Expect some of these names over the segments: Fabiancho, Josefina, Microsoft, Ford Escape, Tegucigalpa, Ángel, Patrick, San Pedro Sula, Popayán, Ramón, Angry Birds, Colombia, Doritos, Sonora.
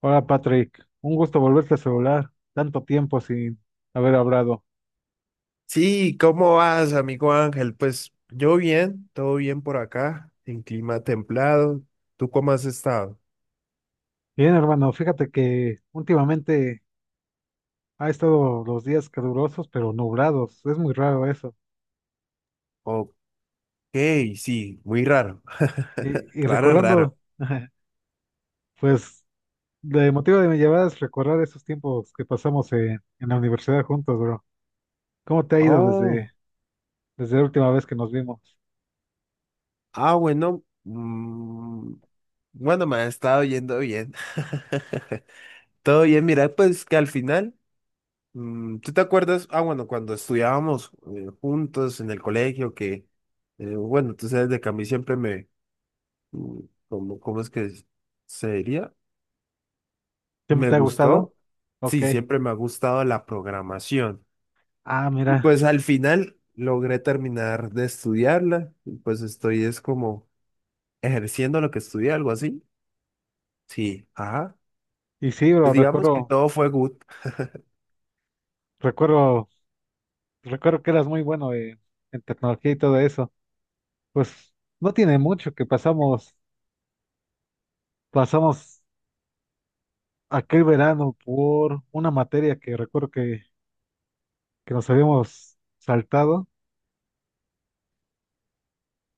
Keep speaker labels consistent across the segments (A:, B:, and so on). A: Hola Patrick, un gusto volverte a celular, tanto tiempo sin haber hablado.
B: Sí, ¿cómo vas, amigo Ángel? Pues yo bien, todo bien por acá, en clima templado. ¿Tú cómo has estado?
A: Bien, hermano, fíjate que últimamente ha estado los días calurosos pero nublados, es muy raro eso.
B: Ok, sí, muy raro.
A: Y, y
B: Raro,
A: recordando,
B: raro.
A: pues, el motivo de mi llamada es recordar esos tiempos que pasamos en la universidad juntos, bro. ¿Cómo te ha ido desde,
B: Oh,
A: desde la última vez que nos vimos?
B: bueno. Bueno, me ha estado yendo bien. Todo bien, mira, pues que al final, ¿tú te acuerdas? Ah, bueno, cuando estudiábamos juntos en el colegio, que, bueno, tú sabes de que a mí siempre me, mm, ¿cómo es que sería?
A: ¿Siempre
B: Me
A: te ha gustado?
B: gustó.
A: Ok.
B: Sí, siempre me ha gustado la programación.
A: Ah,
B: Y
A: mira.
B: pues al final logré terminar de estudiarla. Y pues estoy es como ejerciendo lo que estudié, algo así. Sí, ajá.
A: Y sí, bro,
B: Pues digamos que todo fue good.
A: recuerdo, recuerdo que eras muy bueno en tecnología y todo eso. Pues no tiene mucho que pasamos aquel verano por una materia que que nos habíamos saltado.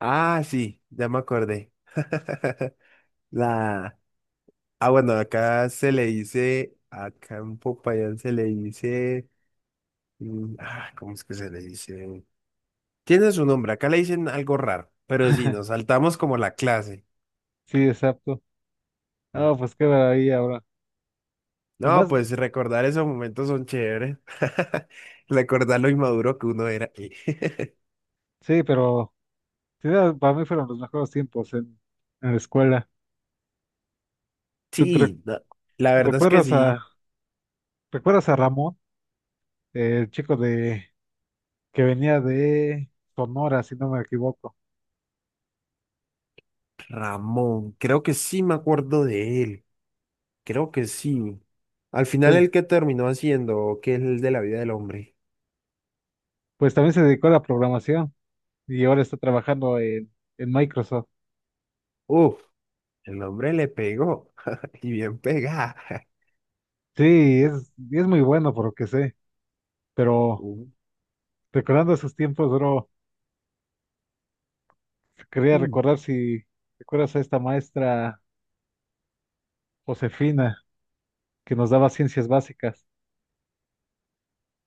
B: Ah, sí, ya me acordé. La... Ah, bueno, acá se le dice, acá en Popayán se le dice, ¿cómo es que se le dice? Tiene su nombre, acá le dicen algo raro, pero sí, nos saltamos como la clase.
A: Sí, exacto. Ah, pues qué ahí ahora. Y
B: No,
A: más,
B: pues recordar esos momentos son chéveres. Recordar lo inmaduro que uno era.
A: sí, pero sí, para mí fueron los mejores tiempos en la escuela. ¿Tú
B: Sí, no, la verdad es que
A: recuerdas
B: sí.
A: a, recuerdas a Ramón, el chico de que venía de Sonora, si no me equivoco?
B: Ramón, creo que sí me acuerdo de él. Creo que sí. Al final,
A: Pues,
B: el que terminó haciendo, que es el de la vida del hombre.
A: pues también se dedicó a la programación y ahora está trabajando en Microsoft.
B: Uf, el hombre le pegó. Y bien pegada.
A: Sí,
B: Uh,
A: es muy bueno por lo que sé, pero
B: uh,
A: recordando esos tiempos, bro, quería
B: mm.
A: recordar si recuerdas a esta maestra Josefina que nos daba ciencias básicas.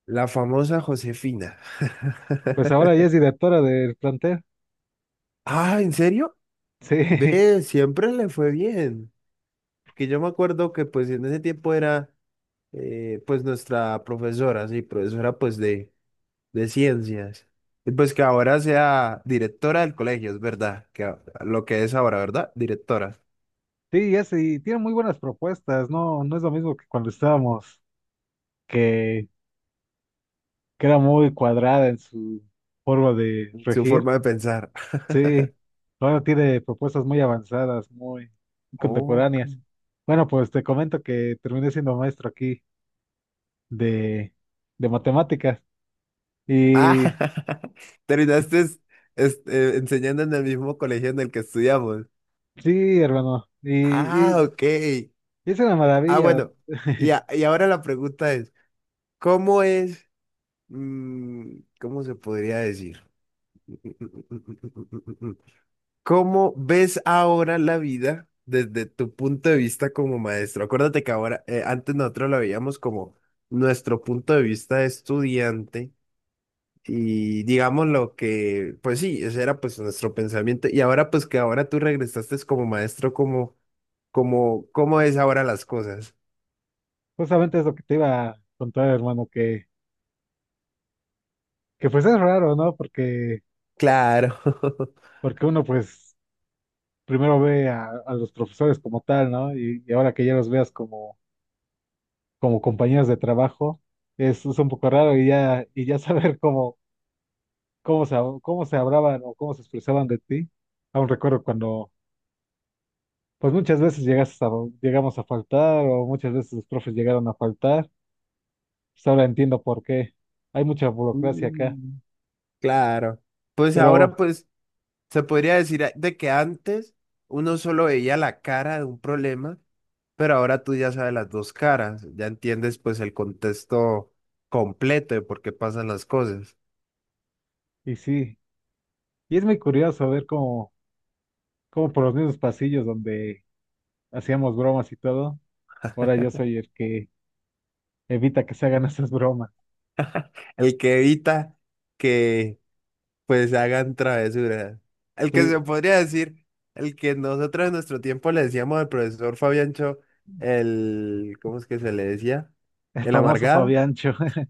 B: La famosa Josefina.
A: Pues ahora ella es directora del plantel.
B: Ah, ¿en serio?
A: Sí,
B: Ve, siempre le fue bien. Que yo me acuerdo que pues en ese tiempo era pues nuestra profesora, sí, profesora pues de ciencias. Y pues que ahora sea directora del colegio, es verdad, que lo que es ahora, ¿verdad? Directora,
A: sí, ya sí tiene muy buenas propuestas, no, no es lo mismo que cuando estábamos, que, que era muy cuadrada en su forma de
B: su
A: regir.
B: forma de pensar.
A: Sí, ahora tiene propuestas muy avanzadas, muy
B: Oh,
A: contemporáneas. Bueno, pues te comento que terminé siendo maestro aquí de, de matemáticas.
B: ah,
A: Y, y
B: terminaste enseñando en el mismo colegio en el que estudiamos.
A: sí, hermano, y,
B: Ah,
A: y
B: ok.
A: y es una
B: Ah,
A: maravilla.
B: bueno. Y, a- y ahora la pregunta es, ¿cómo es, cómo se podría decir? ¿Cómo ves ahora la vida desde tu punto de vista como maestro? Acuérdate que ahora, antes nosotros la veíamos como nuestro punto de vista de estudiante y digamos lo que, pues sí, ese era pues nuestro pensamiento y ahora pues que ahora tú regresaste es como maestro, ¿cómo es ahora las cosas?
A: Justamente es lo que te iba a contar, hermano, que pues es raro, ¿no?
B: Claro.
A: Porque uno pues primero a los profesores como tal, ¿no? Y ahora que ya los veas como, como compañeros de trabajo, es un poco raro y ya saber cómo se, cómo se hablaban o cómo se expresaban de ti. Aún recuerdo cuando pues muchas veces llegamos a faltar o muchas veces los profes llegaron a faltar. Pues ahora entiendo por qué. Hay mucha burocracia acá,
B: Mm, claro. Pues ahora
A: pero,
B: pues. Se podría decir de que antes uno solo veía la cara de un problema, pero ahora tú ya sabes las dos caras, ya entiendes pues el contexto completo de por qué pasan las cosas.
A: y sí, y es muy curioso ver cómo por los mismos pasillos donde hacíamos bromas y todo, ahora yo soy el que evita que se hagan esas bromas.
B: El que evita que pues hagan travesuras. El que
A: Sí,
B: se podría decir, el que nosotros en nuestro tiempo le decíamos al profesor Fabiancho el, ¿cómo es que se le decía?
A: el
B: El
A: famoso
B: amargado.
A: Fabiancho.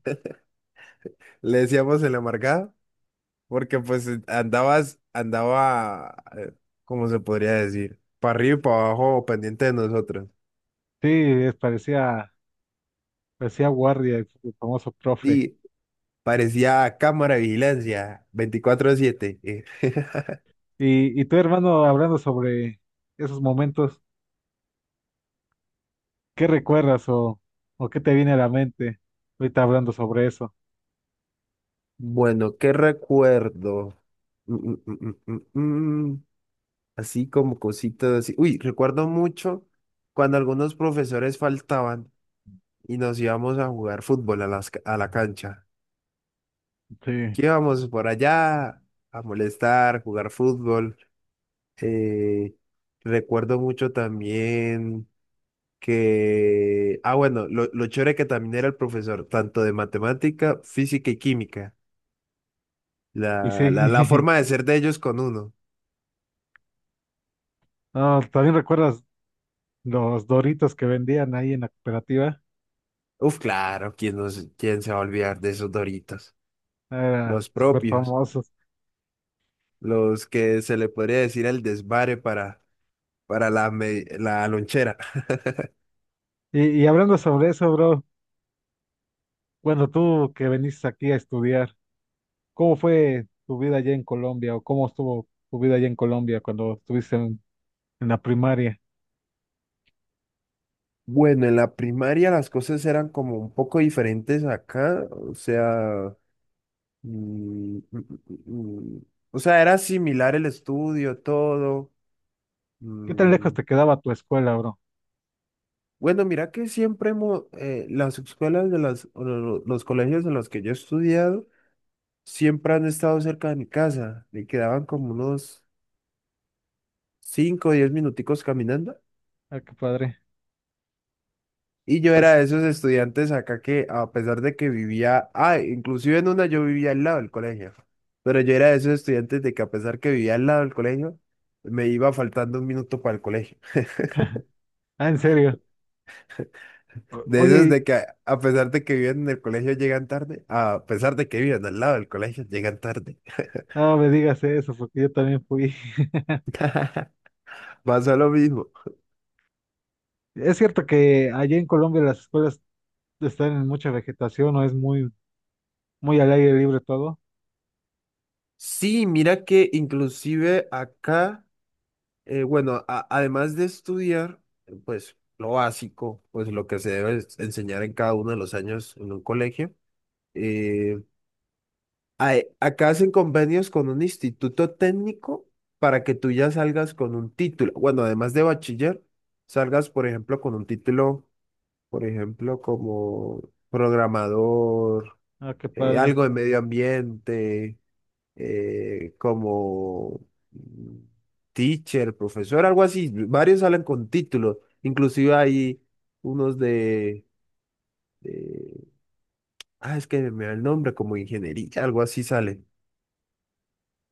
B: Le decíamos el amargado. Porque pues andabas, andaba, ¿cómo se podría decir? Para arriba y para abajo, pendiente de nosotros.
A: Sí, parecía guardia, el famoso profe.
B: Sí, parecía cámara de vigilancia, veinticuatro siete.
A: Y tu hermano hablando sobre esos momentos. ¿Qué recuerdas o qué te viene a la mente ahorita hablando sobre eso?
B: Bueno, ¿qué recuerdo? Mm, mm, mm, mm, mm, mm. mm. Así como cositas así. Uy, recuerdo mucho cuando algunos profesores faltaban y nos íbamos a jugar fútbol a la cancha. Que
A: Sí,
B: íbamos por allá a molestar, jugar fútbol. Eh, recuerdo mucho también que, bueno, lo chévere que también era el profesor, tanto de matemática, física y química,
A: y
B: la
A: sí,
B: forma de ser de ellos con uno.
A: no, ¿también recuerdas los Doritos que vendían ahí en la cooperativa?
B: Uf, claro, ¿quién, no se- quién se va a olvidar de esos Doritos?
A: Eran
B: Los
A: súper
B: propios,
A: famosos.
B: los que se le podría decir el desvare para la lonchera.
A: Y hablando sobre eso, bro, bueno, tú que veniste aquí a estudiar, ¿cómo fue tu vida allá en Colombia o cómo estuvo tu vida allá en Colombia cuando estuviste en la primaria?
B: Bueno, en la primaria las cosas eran como un poco diferentes acá, o sea. Mm, mm, mm, mm. O sea, era similar el estudio, todo.
A: ¿Qué tan
B: Mm,
A: lejos te quedaba tu escuela, bro?
B: Bueno, mira que siempre hemos, las escuelas de las, o lo- los colegios en los que yo he estudiado, siempre han estado cerca de mi casa. Me quedaban como unos 5, o 10 minuticos caminando.
A: Ah, qué padre.
B: Y yo era de
A: Pues,
B: esos estudiantes acá que, a pesar de que vivía, inclusive en una yo vivía al lado del colegio. Pero yo era de esos estudiantes de que a pesar que vivía al lado del colegio, me iba faltando un minuto para el colegio.
A: ah, en serio. O-
B: De esos
A: Oye,
B: de que a pesar de que viven en el colegio llegan tarde, a pesar de que viven al lado del colegio llegan tarde.
A: no me digas eso porque yo también fui.
B: Pasa lo mismo.
A: Es cierto que allá en Colombia las escuelas están en mucha vegetación o es muy, muy al aire libre todo.
B: Sí, mira que inclusive acá, bueno, además de estudiar, pues lo básico, pues lo que se debe enseñar en cada uno de los años en un colegio, eh, acá hacen convenios con un instituto técnico para que tú ya salgas con un título. Bueno, además de bachiller, salgas, por ejemplo, con un título por ejemplo, como programador,
A: Ah, qué padre.
B: algo de medio ambiente, como mm, teacher, profesor, algo así. Varios salen con títulos, inclusive hay unos de- es que me da el nombre, como ingeniería, algo así sale.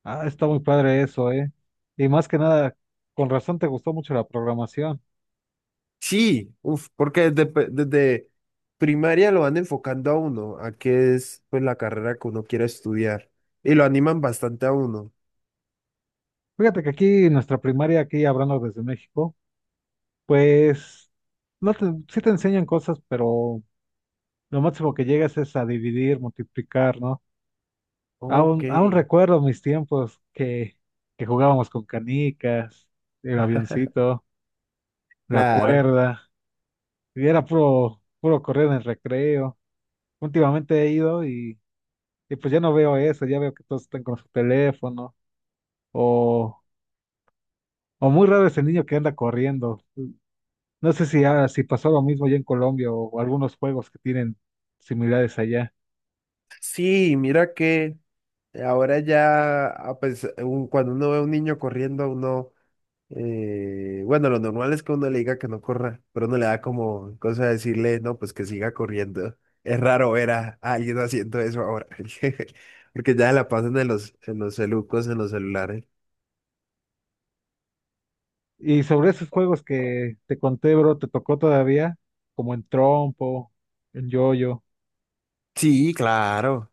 A: Ah, está muy padre eso, ¿eh? Y más que nada, con razón te gustó mucho la programación.
B: Sí, uf, porque desde primaria lo van enfocando a uno, a qué es pues la carrera que uno quiere estudiar, y lo animan bastante a uno.
A: Fíjate que aquí en nuestra primaria, aquí hablando desde México, pues no te, sí te enseñan cosas, pero lo máximo que llegas es a dividir, multiplicar, ¿no?
B: Ok.
A: Aún recuerdo mis tiempos que jugábamos con canicas, el avioncito, la
B: Claro.
A: cuerda. Y era puro, puro correr en el recreo. Últimamente y pues ya no veo eso, ya veo que todos están con su teléfono. O, o muy raro es el niño que anda corriendo. No sé si, ah, si pasó lo mismo ya en Colombia o algunos juegos que tienen similares allá.
B: Sí, mira que ahora ya, cuando uno ve a un niño corriendo, uno, bueno, lo normal es que uno le diga que no corra, pero uno le da como cosa de decirle, no, pues que siga corriendo. Es raro ver a alguien haciendo eso ahora, porque ya la pasan en los celucos, en los celulares.
A: Y sobre esos juegos que te conté, bro, ¿te tocó todavía? Como en trompo, en yoyo.
B: Sí, claro.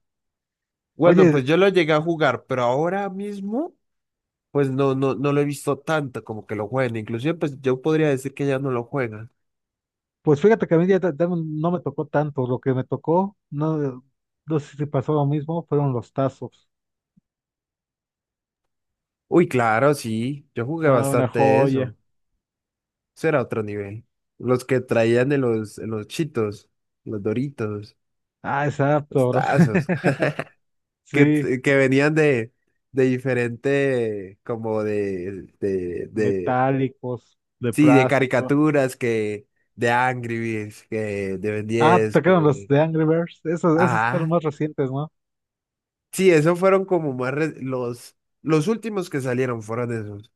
B: Bueno,
A: Oye,
B: pues yo lo llegué a jugar, pero ahora mismo, pues no, no, no lo he visto tanto como que lo juegan. Inclusive, pues yo podría decir que ya no lo juegan.
A: pues fíjate que a mí ya no me tocó tanto. Lo que me tocó, no, no sé si pasó lo mismo, fueron los tazos.
B: Uy, claro, sí. Yo jugué
A: No, una
B: bastante de
A: joya.
B: eso. Eso era otro nivel. Los que traían en los chitos, los Doritos,
A: Ah,
B: los
A: exacto, bro.
B: tazos, que,
A: Sí,
B: que venían de diferente, como
A: metálicos, de
B: sí, de
A: plástico.
B: caricaturas, que de Angry Birds, que de Ben
A: Ah, te
B: 10,
A: tocaron los de Angry Birds. Esos, esos fueron
B: Ajá.
A: más recientes, ¿no?
B: Sí, esos fueron como los últimos que salieron fueron esos.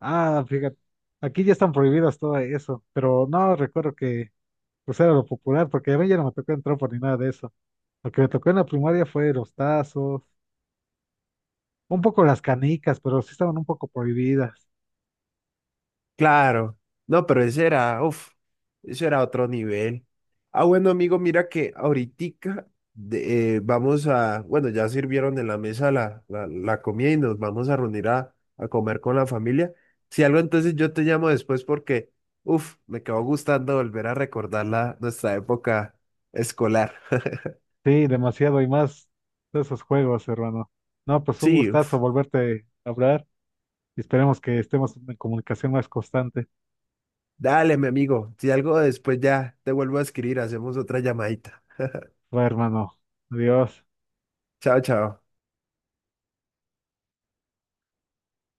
A: Ah, fíjate. Aquí ya están prohibidas todo eso. Pero no recuerdo que pues era lo popular, porque a mí ya no me tocó entrar por ni nada de eso. Lo que me tocó en la primaria fue los tazos, un poco las canicas, pero sí estaban un poco prohibidas.
B: Claro, no, pero ese era, uff, eso era otro nivel. Ah, bueno, amigo, mira que ahoritica vamos a, bueno, ya sirvieron en la mesa la comida y nos vamos a reunir a comer con la familia. Si algo, entonces yo te llamo después porque, uff, me quedó gustando volver a recordar nuestra época escolar.
A: Sí, demasiado y más de esos juegos, hermano. No, pues un
B: Sí,
A: gustazo
B: uff,
A: volverte a hablar. Y esperemos que estemos en comunicación más constante.
B: dale, mi amigo, si algo después ya te vuelvo a escribir, hacemos otra llamadita.
A: Va, hermano. Adiós.
B: Chao, chao.